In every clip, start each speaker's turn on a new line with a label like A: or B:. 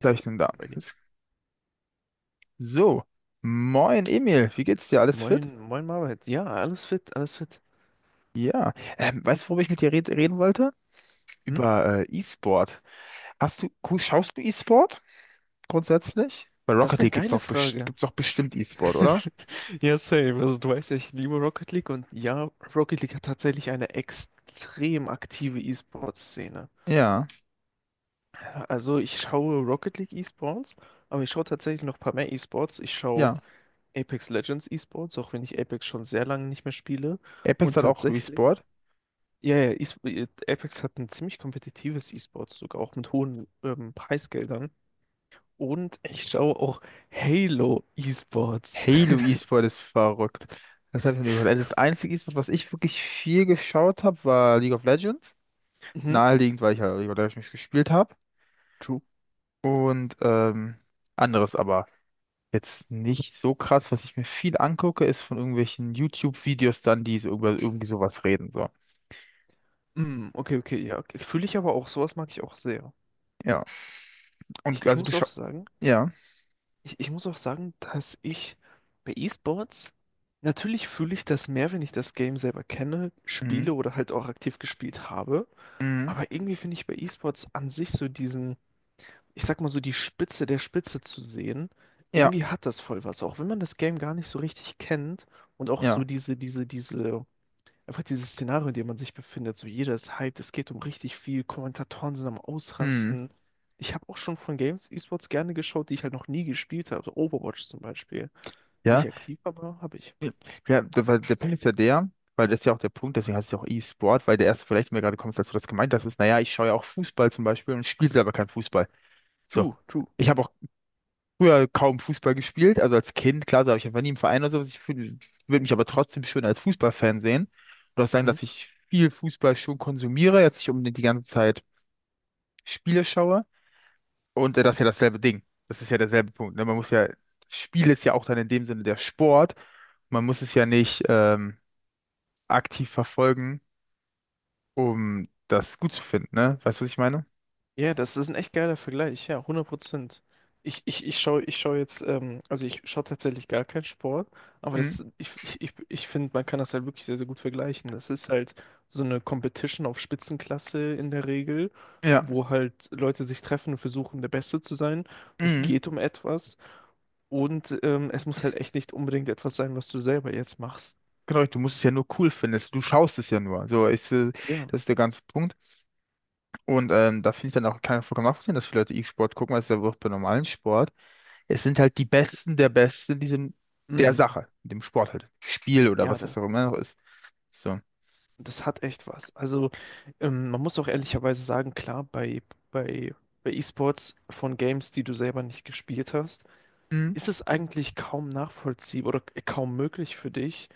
A: Ist da
B: Gleich
A: oben
B: denn da.
A: bei dir.
B: So, moin Emil, wie geht's dir? Alles fit?
A: Moin, moin Marbert. Ja, alles fit, alles fit.
B: Ja, weißt du, worüber ich mit dir reden wollte?
A: Hm?
B: Über E-Sport. Hast du, schaust du E-Sport grundsätzlich? Bei
A: Das ist
B: Rocket
A: eine
B: League gibt's
A: geile
B: auch, best
A: Frage.
B: gibt's auch bestimmt E-Sport, oder?
A: Ja, same. Also du weißt ja, ich liebe Rocket League und ja, Rocket League hat tatsächlich eine extrem aktive E-Sports-Szene.
B: Ja,
A: Also ich schaue Rocket League E-Sports, aber ich schaue tatsächlich noch ein paar mehr E-Sports. Ich schaue
B: ja.
A: Apex Legends E-Sports, auch wenn ich Apex schon sehr lange nicht mehr spiele.
B: Apex
A: Und
B: hat auch
A: tatsächlich,
B: E-Sport.
A: ja, ja, Apex hat ein ziemlich kompetitives E-Sports, sogar auch mit hohen Preisgeldern. Und ich schaue auch Halo Esports.
B: Halo E-Sport ist verrückt. Das habe ich noch nie gehört. Also das einzige E-Sport, was ich wirklich viel geschaut habe, war League of Legends.
A: Mhm,
B: Naheliegend, weil ich ja League of Legends gespielt habe.
A: true.
B: Und anderes aber. Jetzt nicht so krass, was ich mir viel angucke, ist von irgendwelchen YouTube-Videos dann, die so über irgendwie sowas reden, so.
A: Okay, okay, ja, okay. Fühle ich aber auch, sowas mag ich auch sehr.
B: Ja.
A: Ich,
B: Und
A: ich
B: also du
A: muss auch
B: schaust,
A: sagen,
B: ja.
A: ich muss auch sagen, dass ich bei Esports, natürlich fühle ich das mehr, wenn ich das Game selber kenne,
B: Mhm.
A: spiele oder halt auch aktiv gespielt habe.
B: Mhm.
A: Aber irgendwie finde ich bei Esports an sich so diesen, ich sag mal so die Spitze der Spitze zu sehen,
B: Ja,
A: irgendwie hat das voll was. Auch wenn man das Game gar nicht so richtig kennt und auch so
B: ja.
A: diese. Einfach dieses Szenario, in dem man sich befindet, so jeder ist hyped, es geht um richtig viel, Kommentatoren sind am
B: Mhm.
A: Ausrasten. Ich habe auch schon von Games E-Sports gerne geschaut, die ich halt noch nie gespielt habe. So Overwatch zum Beispiel.
B: Ja.
A: Nicht aktiv, aber habe ich.
B: Ja, weil der Punkt ist ja der, weil das ist ja auch der Punkt, deswegen heißt es ja auch E-Sport, weil der erste vielleicht, mir gerade kommt, als du das gemeint hast, ist, naja, ich schaue ja auch Fußball zum Beispiel und spiele selber kein Fußball. So.
A: True, true.
B: Ich habe auch früher kaum Fußball gespielt, also als Kind, klar, so, habe ich einfach nie im Verein oder sowas. Ich würde mich aber trotzdem schön als Fußballfan sehen oder auch sagen,
A: Mhm.
B: dass ich viel Fußball schon konsumiere, jetzt nicht unbedingt die ganze Zeit Spiele schaue. Und das ist ja dasselbe Ding. Das ist ja derselbe Punkt. Ne? Man muss ja, Spiel ist ja auch dann in dem Sinne der Sport. Man muss es ja nicht aktiv verfolgen, um das gut zu finden, ne? Weißt du, was ich meine?
A: Ja, das ist ein echt geiler Vergleich, ja, 100%. Ich, ich, ich schaue ich schau jetzt, Also ich schaue tatsächlich gar keinen Sport, aber
B: Mhm.
A: das, ich finde, man kann das halt wirklich sehr, sehr gut vergleichen. Das ist halt so eine Competition auf Spitzenklasse in der Regel,
B: Ja.
A: wo halt Leute sich treffen und versuchen, der Beste zu sein. Es
B: Mhm.
A: geht um etwas und es muss halt echt nicht unbedingt etwas sein, was du selber jetzt machst.
B: Genau, du musst es ja nur cool finden. Du schaust es ja nur. So ist,
A: Ja,
B: das ist der ganze Punkt. Und da finde ich dann auch keinen vollkommen nachvollziehen, dass viele Leute E-Sport gucken, weil es ja wirklich bei normalen Sport. Es sind halt die Besten der Besten in diesem, der
A: mm,
B: Sache, in dem Sport halt. Spiel oder
A: ja,
B: was, was auch immer noch ist. So.
A: das hat echt was. Also, man muss auch ehrlicherweise sagen, klar, bei, bei E-Sports von Games, die du selber nicht gespielt hast,
B: Hm.
A: ist es eigentlich kaum nachvollziehbar oder kaum möglich für dich,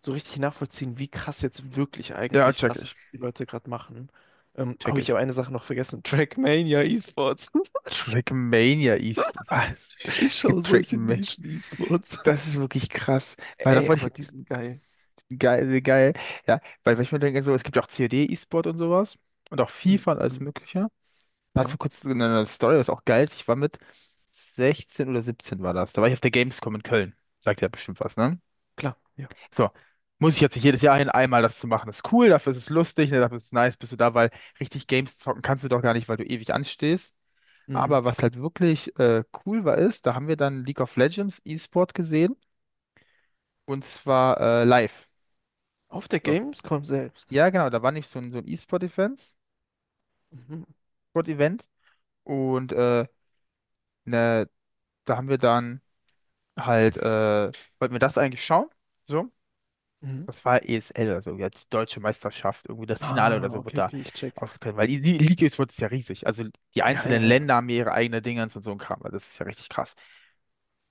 A: so richtig nachvollziehen, wie krass jetzt wirklich
B: Ja,
A: eigentlich
B: check
A: das ist,
B: ich.
A: was die Leute gerade machen. Oh,
B: Check
A: ich
B: ich.
A: habe eine Sache noch vergessen. Trackmania E-Sports.
B: Trackmania E-Sport. Was?
A: Ich
B: Es
A: schaue
B: gibt
A: solche
B: Trackmania.
A: Nischen-E-Sports.
B: Das ist wirklich krass. Weil da
A: Ey,
B: wollte
A: aber
B: ich.
A: die sind geil.
B: Geil, geil. Ja, weil ich mir denke, so, es gibt ja auch COD E-Sport und sowas. Und auch
A: Mhm,
B: FIFA und alles
A: mhm.
B: Mögliche. Dazu
A: Ja,
B: kurz eine Story, was auch geil ist. Ich war mit 16 oder 17 war das. Da war ich auf der Gamescom in Köln. Sagt ja bestimmt was, ne?
A: klar, ja.
B: So. Muss ich jetzt nicht jedes Jahr hin, einmal das zu machen. Ist cool, dafür ist es lustig, ne, dafür ist es nice, bist du da, weil richtig Games zocken kannst du doch gar nicht, weil du ewig anstehst.
A: Mhm.
B: Aber was halt wirklich cool war, ist, da haben wir dann League of Legends E-Sport gesehen und zwar live.
A: Auf der
B: So.
A: Gamescom selbst.
B: Ja, genau, da war nicht so ein E-Sport-Event.
A: Mhm.
B: Sport-Event. Und ne, da haben wir dann. Halt, wollten wir das eigentlich schauen? So,
A: Mhm.
B: das war ESL oder so, ja, die deutsche Meisterschaft, irgendwie das Finale
A: Ah,
B: oder so wird
A: okay,
B: da
A: okay, ich check.
B: ausgetragen, weil die Liga ist, wird ist ja riesig. Also die
A: Ja, ja,
B: einzelnen
A: ja.
B: Länder haben ihre eigenen Dingens und so ein Kram, also das ist ja richtig krass.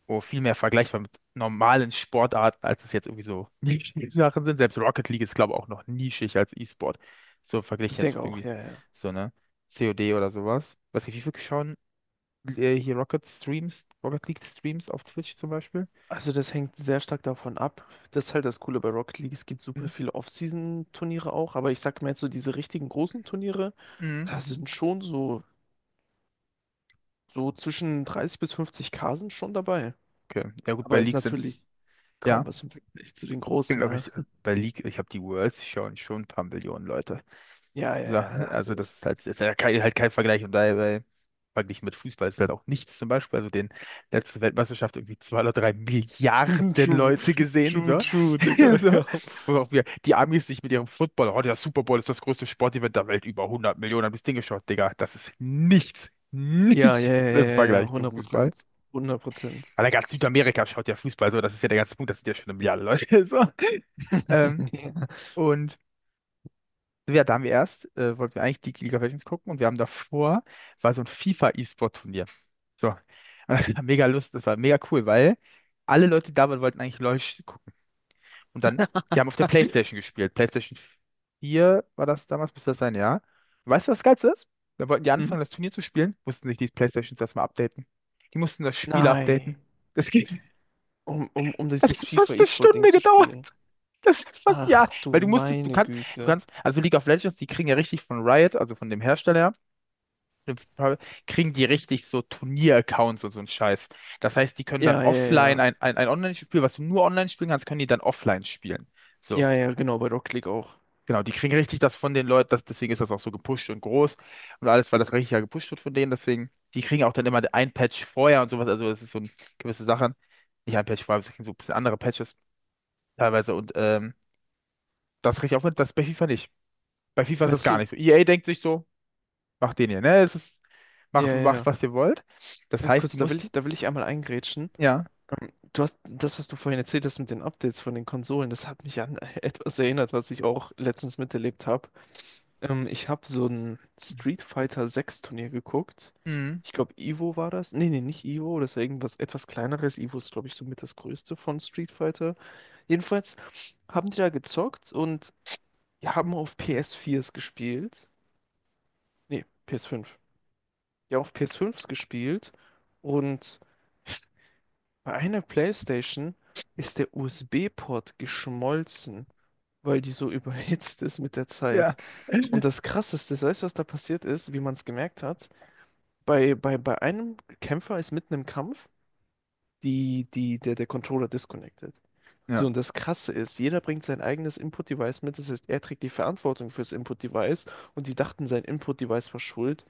B: Wo viel mehr vergleichbar mit normalen Sportarten, als es jetzt irgendwie so Nischensachen sind. Selbst Rocket League ist, glaube ich, auch noch nischig als E-Sport. So verglichen
A: Ich
B: jetzt
A: denke
B: mit
A: auch,
B: irgendwie
A: ja, ja, ja.
B: so, ne? COD oder sowas. Weiß nicht, wie viel schauen hier Rocket Streams, Rocket League Streams auf Twitch zum Beispiel?
A: Also das hängt sehr stark davon ab. Das ist halt das Coole bei Rocket League. Es gibt super
B: Mhm.
A: viele Off-Season-Turniere auch, aber ich sag mal jetzt so diese richtigen großen Turniere,
B: Mhm.
A: da sind schon so zwischen 30 bis 50K sind schon dabei.
B: Okay. Ja gut, bei
A: Aber ist
B: League sind's,
A: natürlich
B: ja,
A: kaum was im Vergleich zu den großen,
B: genau
A: ne?
B: richtig. Bei League, ich habe die Worlds schauen schon ein paar Millionen Leute.
A: Ja, ja,
B: So,
A: ja, das
B: also das
A: ist
B: ist halt, das ist ja kein, halt kein Vergleich und dabei verglichen mit Fußball ist halt auch nichts zum Beispiel. Also den letzte Weltmeisterschaft irgendwie zwei oder drei Milliarden
A: true,
B: Leute gesehen,
A: true,
B: so.
A: true, Digga,
B: so.
A: ja.
B: Wo auch wir, die Amis sich mit ihrem Football, oh, der Super Bowl ist das größte Sportevent der Welt, über 100 Millionen haben das Ding geschaut, Digga. Das ist nichts,
A: Ja,
B: nichts
A: ja, ja, ja,
B: im
A: ja, ja,
B: Vergleich zu Fußball.
A: 100%, 100%.
B: Aber ganz
A: Das.
B: Südamerika schaut ja Fußball so, das ist ja der ganze Punkt, das sind ja schon 1 Milliarde Leute. So. Ähm, und ja, da haben wir erst, wollten wir eigentlich die League of Legends gucken und wir haben davor, war so ein FIFA-E-Sport-Turnier. So. Und das war mega Lust, das war mega cool, weil alle Leute da waren, wollten eigentlich LOL gucken. Und dann, die haben auf der PlayStation gespielt. PlayStation 4 war das damals, müsste das sein, ja. Weißt du, was das Geilste ist? Dann wollten die
A: Ja.
B: anfangen, das Turnier zu spielen, mussten sich die PlayStations erstmal updaten. Die mussten das Spiel
A: Nein.
B: updaten. Das ging.
A: Um
B: Das
A: dieses
B: hat
A: FIFA
B: fast eine
A: E-Sport-Ding
B: Stunde
A: zu
B: gedauert.
A: spielen.
B: Das ist fast, ja,
A: Ach
B: weil
A: du
B: du musstest,
A: meine Güte.
B: also League of Legends, die kriegen ja richtig von Riot, also von dem Hersteller, dem kriegen die richtig so Turnier-Accounts und so ein Scheiß. Das heißt, die können dann
A: Ja, ja,
B: offline
A: ja.
B: ein Online-Spiel, was du nur online spielen kannst, können die dann offline spielen. So,
A: Ja, ja, genau, bei Rocket League auch.
B: genau, die kriegen richtig das von den Leuten, das, deswegen ist das auch so gepusht und groß und alles, weil das richtig ja gepusht wird von denen, deswegen, die kriegen auch dann immer ein Patch vorher und sowas, also das ist so eine gewisse Sache. Nicht ein Patch vorher, das kriegen so ein bisschen andere Patches teilweise und Das kriege ich auch mit, das bei FIFA nicht. Bei FIFA ist das
A: Weißt
B: gar
A: du,
B: nicht so. EA denkt sich so, macht den hier, ne? Es ist,
A: ja, ja,
B: macht,
A: ja.
B: was ihr wollt. Das
A: Ganz
B: heißt, die
A: kurz, da will ich,
B: mussten.
A: da will ich einmal eingrätschen.
B: Ja.
A: Du hast das, was du vorhin erzählt hast mit den Updates von den Konsolen, das hat mich an etwas erinnert, was ich auch letztens miterlebt habe. Ich habe so ein Street Fighter 6 Turnier geguckt.
B: Mhm.
A: Ich glaube, Ivo war das. Nee, nee, nicht Ivo, das war irgendwas etwas kleineres. Ivo ist, glaube ich, somit das größte von Street Fighter. Jedenfalls haben die da gezockt und haben auf PS4s gespielt. Nee, PS5. Die haben auf PS5s gespielt und bei einer PlayStation ist der USB-Port geschmolzen, weil die so überhitzt ist mit der Zeit.
B: Ja.
A: Und das Krasseste, weißt du, was da passiert ist, wie man es gemerkt hat? Bei einem Kämpfer ist mitten im Kampf der Controller disconnected.
B: Ja.
A: So, und das Krasse ist, jeder bringt sein eigenes Input-Device mit. Das heißt, er trägt die Verantwortung fürs Input-Device und die dachten, sein Input-Device war schuld.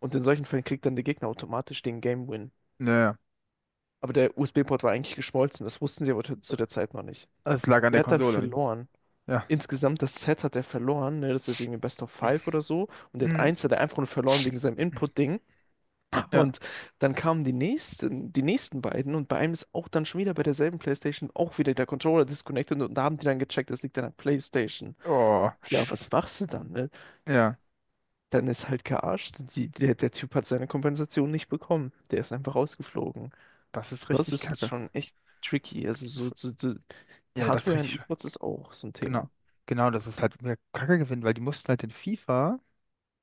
A: Und in solchen Fällen kriegt dann der Gegner automatisch den Game-Win.
B: Naja.
A: Aber der USB-Port war eigentlich geschmolzen. Das wussten sie aber zu der Zeit noch nicht.
B: Es lag an der
A: Der hat dann
B: Konsole nicht.
A: verloren.
B: Ja.
A: Insgesamt das Set hat er verloren. Ne? Das ist irgendwie Best of Five oder so. Und der hat
B: Mhm.
A: eins hat er einfach nur verloren wegen seinem Input-Ding.
B: Ja.
A: Und dann kamen die nächsten, beiden und bei einem ist auch dann schon wieder bei derselben PlayStation auch wieder der Controller disconnected und da haben die dann gecheckt, das liegt an der PlayStation.
B: Oh.
A: Ja, was machst du dann, ne?
B: Ja.
A: Dann ist halt gearscht. Der Typ hat seine Kompensation nicht bekommen. Der ist einfach rausgeflogen.
B: Das ist
A: Sowas
B: richtig
A: ist halt
B: kacke.
A: schon echt tricky. Also
B: Das,
A: so
B: ja, das ist
A: Hardware in
B: richtig schön.
A: E-Sports ist auch so ein
B: Genau.
A: Thema.
B: Genau, das ist halt mehr Kacke gewinnen, weil die mussten halt in FIFA,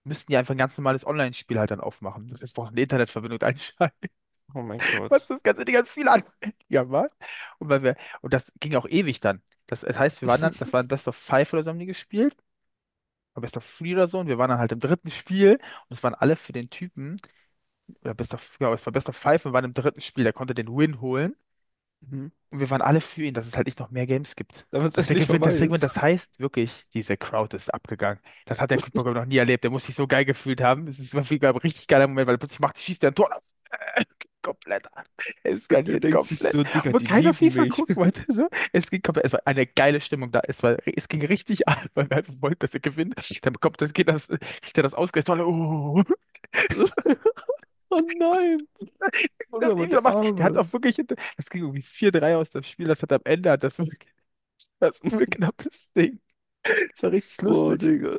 B: müssten die einfach ein ganz normales Online-Spiel halt dann aufmachen. Das ist braucht eine Internetverbindung einschalten.
A: Oh mein
B: Was
A: Gott.
B: das ganze Ding hat viel anfälliger war. Und, weil wir, und das ging auch ewig dann. Das, das heißt, wir waren dann, das war ein Best of Five oder so haben die gespielt. Oder Best of Three oder so. Und wir waren dann halt im dritten Spiel. Und es waren alle für den Typen. Oder Best of, ja, es war Best of Five und wir waren im dritten Spiel. Der konnte den Win holen.
A: Mhm.
B: Und wir waren alle für ihn, dass es halt nicht noch mehr Games gibt.
A: Damit es
B: Dass der
A: endlich
B: gewinnt, das
A: vorbei
B: Segment,
A: ist.
B: das heißt wirklich, diese Crowd ist abgegangen. Das hat der Kickboxer noch nie erlebt. Der muss sich so geil gefühlt haben. Es ist wirklich ein richtig geiler Moment, weil er plötzlich macht, schießt der ein Tor aus. Äh, Komplett ab.
A: Er
B: Eskaliert
A: denkt sich
B: komplett.
A: so, Digga,
B: Obwohl
A: die
B: keiner
A: lieben
B: FIFA
A: mich.
B: gucken wollte. So. Es ging komplett, es war eine geile Stimmung da. Es war, es ging richtig ab, weil wir einfach wollten, dass er gewinnt. Dann bekommt das, geht das, kriegt er das ausgerechnet. Alle, Oh,
A: Oh nein. Oh, schau
B: das
A: mal
B: eh wieder
A: der
B: macht. Der hat
A: Arme.
B: auch wirklich, das ging irgendwie 4-3 aus das Spiel. Das hat am Ende, hat das wirklich. Das ist ein knappes Ding. Das war richtig
A: Boah,
B: lustig.
A: Digga.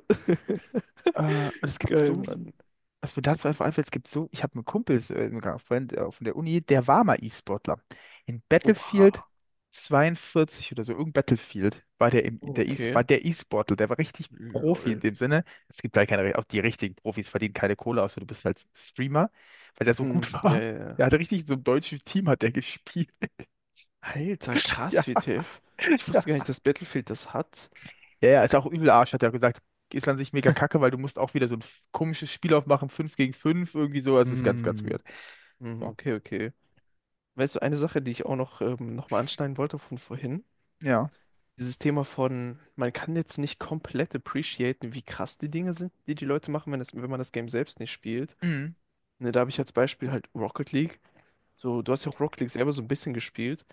B: Es gibt
A: Geil,
B: so,
A: Mann.
B: was mir dazu einfach einfällt, es gibt so, ich habe einen Kumpel so, sogar von der Uni, der war mal E-Sportler. In
A: Oha.
B: Battlefield 42 oder so, irgendein Battlefield war der, im,
A: Oh,
B: der E,
A: okay.
B: war der E-Sportler, der war richtig Profi in
A: Lol.
B: dem Sinne. Es gibt da keine, auch die richtigen Profis verdienen keine Kohle, außer du bist halt Streamer, weil der so gut
A: Hm, ja,
B: war.
A: ja,
B: Der
A: ja.
B: hatte richtig so im deutschen Team hat der gespielt.
A: Alter,
B: Ja,
A: krass, WTF. Ich
B: ja.
A: wusste gar nicht, dass Battlefield das hat.
B: Ja, ja, ist auch übel Arsch, hat er gesagt. Ist an sich mega kacke, weil du musst auch wieder so ein komisches Spiel aufmachen, 5 gegen 5 irgendwie so. Also ist ganz, ganz
A: Hm.
B: weird.
A: Hm,
B: So.
A: okay, okay. Weißt du, eine Sache, die ich auch noch, noch mal anschneiden wollte von vorhin,
B: Ja.
A: dieses Thema von, man kann jetzt nicht komplett appreciaten, wie krass die Dinge sind, die die Leute machen, wenn man das Game selbst nicht spielt.
B: Mhm.
A: Ne, da habe ich als Beispiel halt Rocket League. So, du hast ja auch Rocket League selber so ein bisschen gespielt.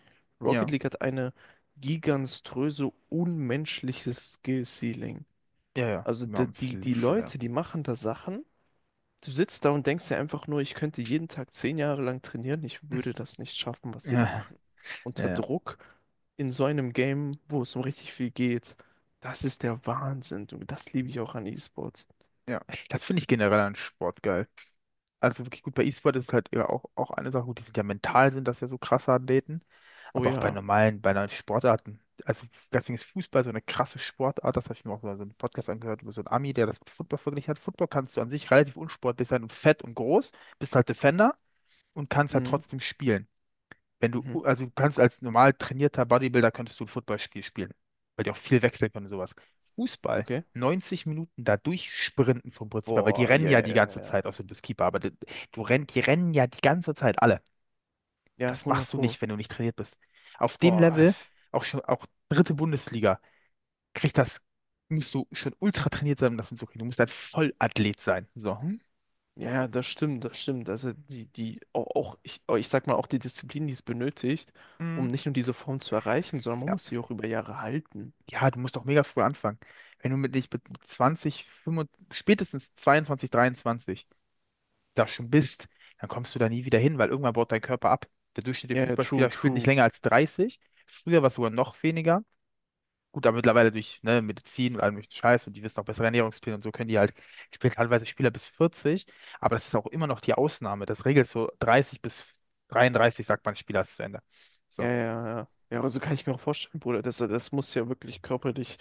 A: Rocket
B: Ja.
A: League hat eine giganströse, unmenschliche Skill-Ceiling.
B: Ja, ja.
A: Also
B: Ja,
A: die, die,
B: viel
A: die
B: schöner.
A: Leute, die machen da Sachen. Du sitzt da und denkst dir einfach nur, ich könnte jeden Tag 10 Jahre lang trainieren, ich würde das nicht schaffen, was
B: Mhm.
A: sie da
B: Ja.
A: machen.
B: Ja,
A: Unter
B: ja.
A: Druck in so einem Game, wo es um richtig viel geht, das ist der Wahnsinn. Du. Das liebe ich auch an E-Sports.
B: Ja. Das finde ich generell an Sport geil. Also wirklich gut, bei E-Sport ist halt ja auch, eine Sache, gut, die sind ja mental, sind das ja so krasse Athleten,
A: Oh
B: aber auch bei
A: ja.
B: normalen, bei normalen Sportarten. Also deswegen ist Fußball so eine krasse Sportart, das habe ich mir auch mal so einen Podcast angehört über so einen Ami, der das mit Football verglichen hat. Football kannst du an sich relativ unsportlich sein und fett und groß, bist halt Defender und kannst halt
A: Mhm.
B: trotzdem spielen wenn du,
A: Mhm.
B: also du kannst als normal trainierter Bodybuilder könntest du ein Footballspiel spielen, weil die auch viel wechseln können und sowas. Fußball,
A: Okay.
B: 90 Minuten da durchsprinten vom Prinzip her, weil die
A: Boah,
B: rennen
A: ja,
B: ja die
A: ja, ja.
B: ganze
A: Ja,
B: Zeit, außer du bist Keeper, aber die rennen ja die ganze Zeit alle.
A: ja,
B: Das
A: 100
B: machst du
A: Pro.
B: nicht, wenn du nicht trainiert bist. Auf dem
A: Boah.
B: Level, auch schon, auch dritte Bundesliga, kriegt das, musst du schon ultra trainiert sein, um das hinzukriegen. Du musst ein Vollathlet sein. So. Hm?
A: Ja, ja, das stimmt, das stimmt. Also die, die, auch, auch ich, auch die Disziplin, die es benötigt, um
B: Mhm.
A: nicht nur diese Form zu erreichen, sondern man muss sie auch über Jahre halten.
B: Ja, du musst doch mega früh anfangen. Wenn du mit dich mit 20, 25, spätestens 22, 23 da schon bist, dann kommst du da nie wieder hin, weil irgendwann baut dein Körper ab. Der durchschnittliche
A: Ja, ja, true,
B: Fußballspieler spielt nicht
A: true.
B: länger als 30. Früher war es sogar noch weniger. Gut, aber mittlerweile durch ne, Medizin und allem möglichen Scheiß und die wissen auch bessere Ernährungspläne und so können die halt, spielen teilweise Spieler bis 40, aber das ist auch immer noch die Ausnahme. Das regelt so 30 bis 33, sagt man, Spieler ist zu Ende. So,
A: Ja, ja, ja. Ja, aber so kann ich mir auch vorstellen, Bruder. Das muss ja wirklich körperlich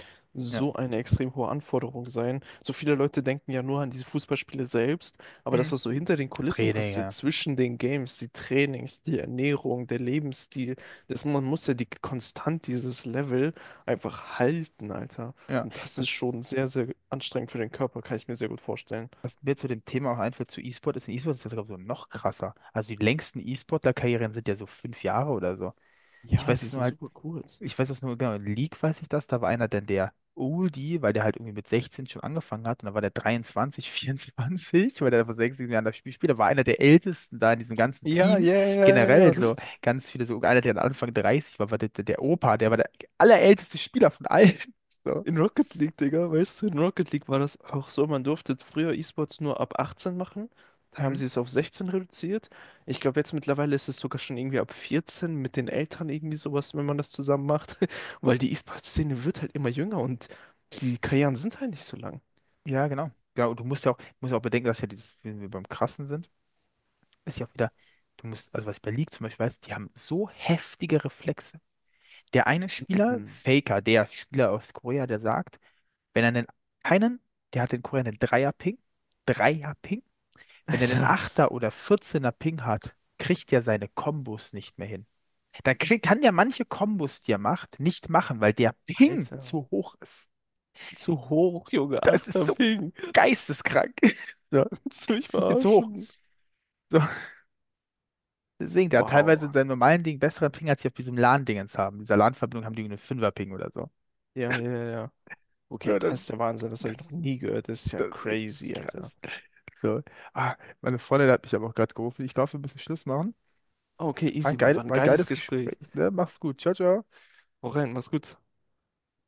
B: ja.
A: so eine extrem hohe Anforderung sein. So viele Leute denken ja nur an diese Fußballspiele selbst, aber das,
B: Mhm.
A: was so hinter den Kulissen
B: Training,
A: passiert,
B: ja.
A: zwischen den Games, die Trainings, die Ernährung, der Lebensstil, das, man muss ja die konstant dieses Level einfach halten, Alter.
B: Ja.
A: Und das ist schon sehr, sehr anstrengend für den Körper, kann ich mir sehr gut vorstellen.
B: Was mir zu dem Thema auch einfällt, zu E-Sport ist, in E-Sport ist das, glaube ich, sogar noch krasser. Also die längsten E-Sportler-Karrieren sind ja so 5 Jahre oder so. Ich
A: Ja,
B: weiß
A: die
B: es nur
A: sind
B: halt,
A: super kurz.
B: ich weiß es nur, genau, in League weiß ich das, da war einer dann der Oldie, weil der halt irgendwie mit 16 schon angefangen hat und dann war der 23, 24, weil der vor 6, 7 Jahren das Spiel spielt, da war einer der Ältesten da in diesem ganzen
A: Ja,
B: Team.
A: ja, ja, ja,
B: Generell
A: ja.
B: so ganz viele, so einer, der am Anfang 30 war, war der, der Opa, der war der allerälteste Spieler von allen. So.
A: In Rocket League, Digga, weißt du, in Rocket League war das auch so, man durfte früher E-Sports nur ab 18 machen. Da haben
B: Mhm.
A: sie es auf 16 reduziert. Ich glaube, jetzt mittlerweile ist es sogar schon irgendwie ab 14 mit den Eltern irgendwie sowas, wenn man das zusammen macht. Weil die E-Sports-Szene wird halt immer jünger und die Karrieren sind halt nicht so lang.
B: Ja, genau. Ja, und du musst ja auch bedenken, dass ja dieses, wenn wir beim Krassen sind, ist ja auch wieder, du musst, also was ich bei League zum Beispiel weiß, die haben so heftige Reflexe. Der eine Spieler,
A: Hm.
B: Faker, der Spieler aus Korea, der sagt, wenn er einen, der hat in Korea einen Dreier-Ping, Dreier-Ping, wenn er den
A: Alter,
B: Achter oder 14er Ping hat, kriegt er seine Kombos nicht mehr hin. Dann kann der manche Kombos, die er macht, nicht machen, weil der Ping
A: Alter,
B: zu hoch ist.
A: zu hoch, Junge,
B: Das ist
A: achter
B: so
A: Ping.
B: geisteskrank. So,
A: Willst du mich
B: es ist ihm zu hoch.
A: verarschen?
B: So. Deswegen, der hat teilweise
A: Wow.
B: in seinem normalen Ding besseren Ping, als sie auf diesem LAN-Dingens haben. Dieser LAN-Verbindung haben die irgendwie einen Fünfer-Ping oder so.
A: Ja, ja, ja. Okay,
B: So,
A: das ist der Wahnsinn, das habe
B: das,
A: ich noch nie gehört. Das ist ja
B: das ist richtig
A: crazy,
B: krass.
A: Alter.
B: So. Ah, meine Freundin hat mich aber auch gerade gerufen. Ich glaube, wir müssen Schluss machen.
A: Ah, okay,
B: War ein
A: easy, Mann.
B: geil,
A: War ein
B: war ein
A: geiles
B: geiles Gespräch,
A: Gespräch.
B: ne? Mach's gut. Ciao, ciao.
A: Hau rein, mach's gut.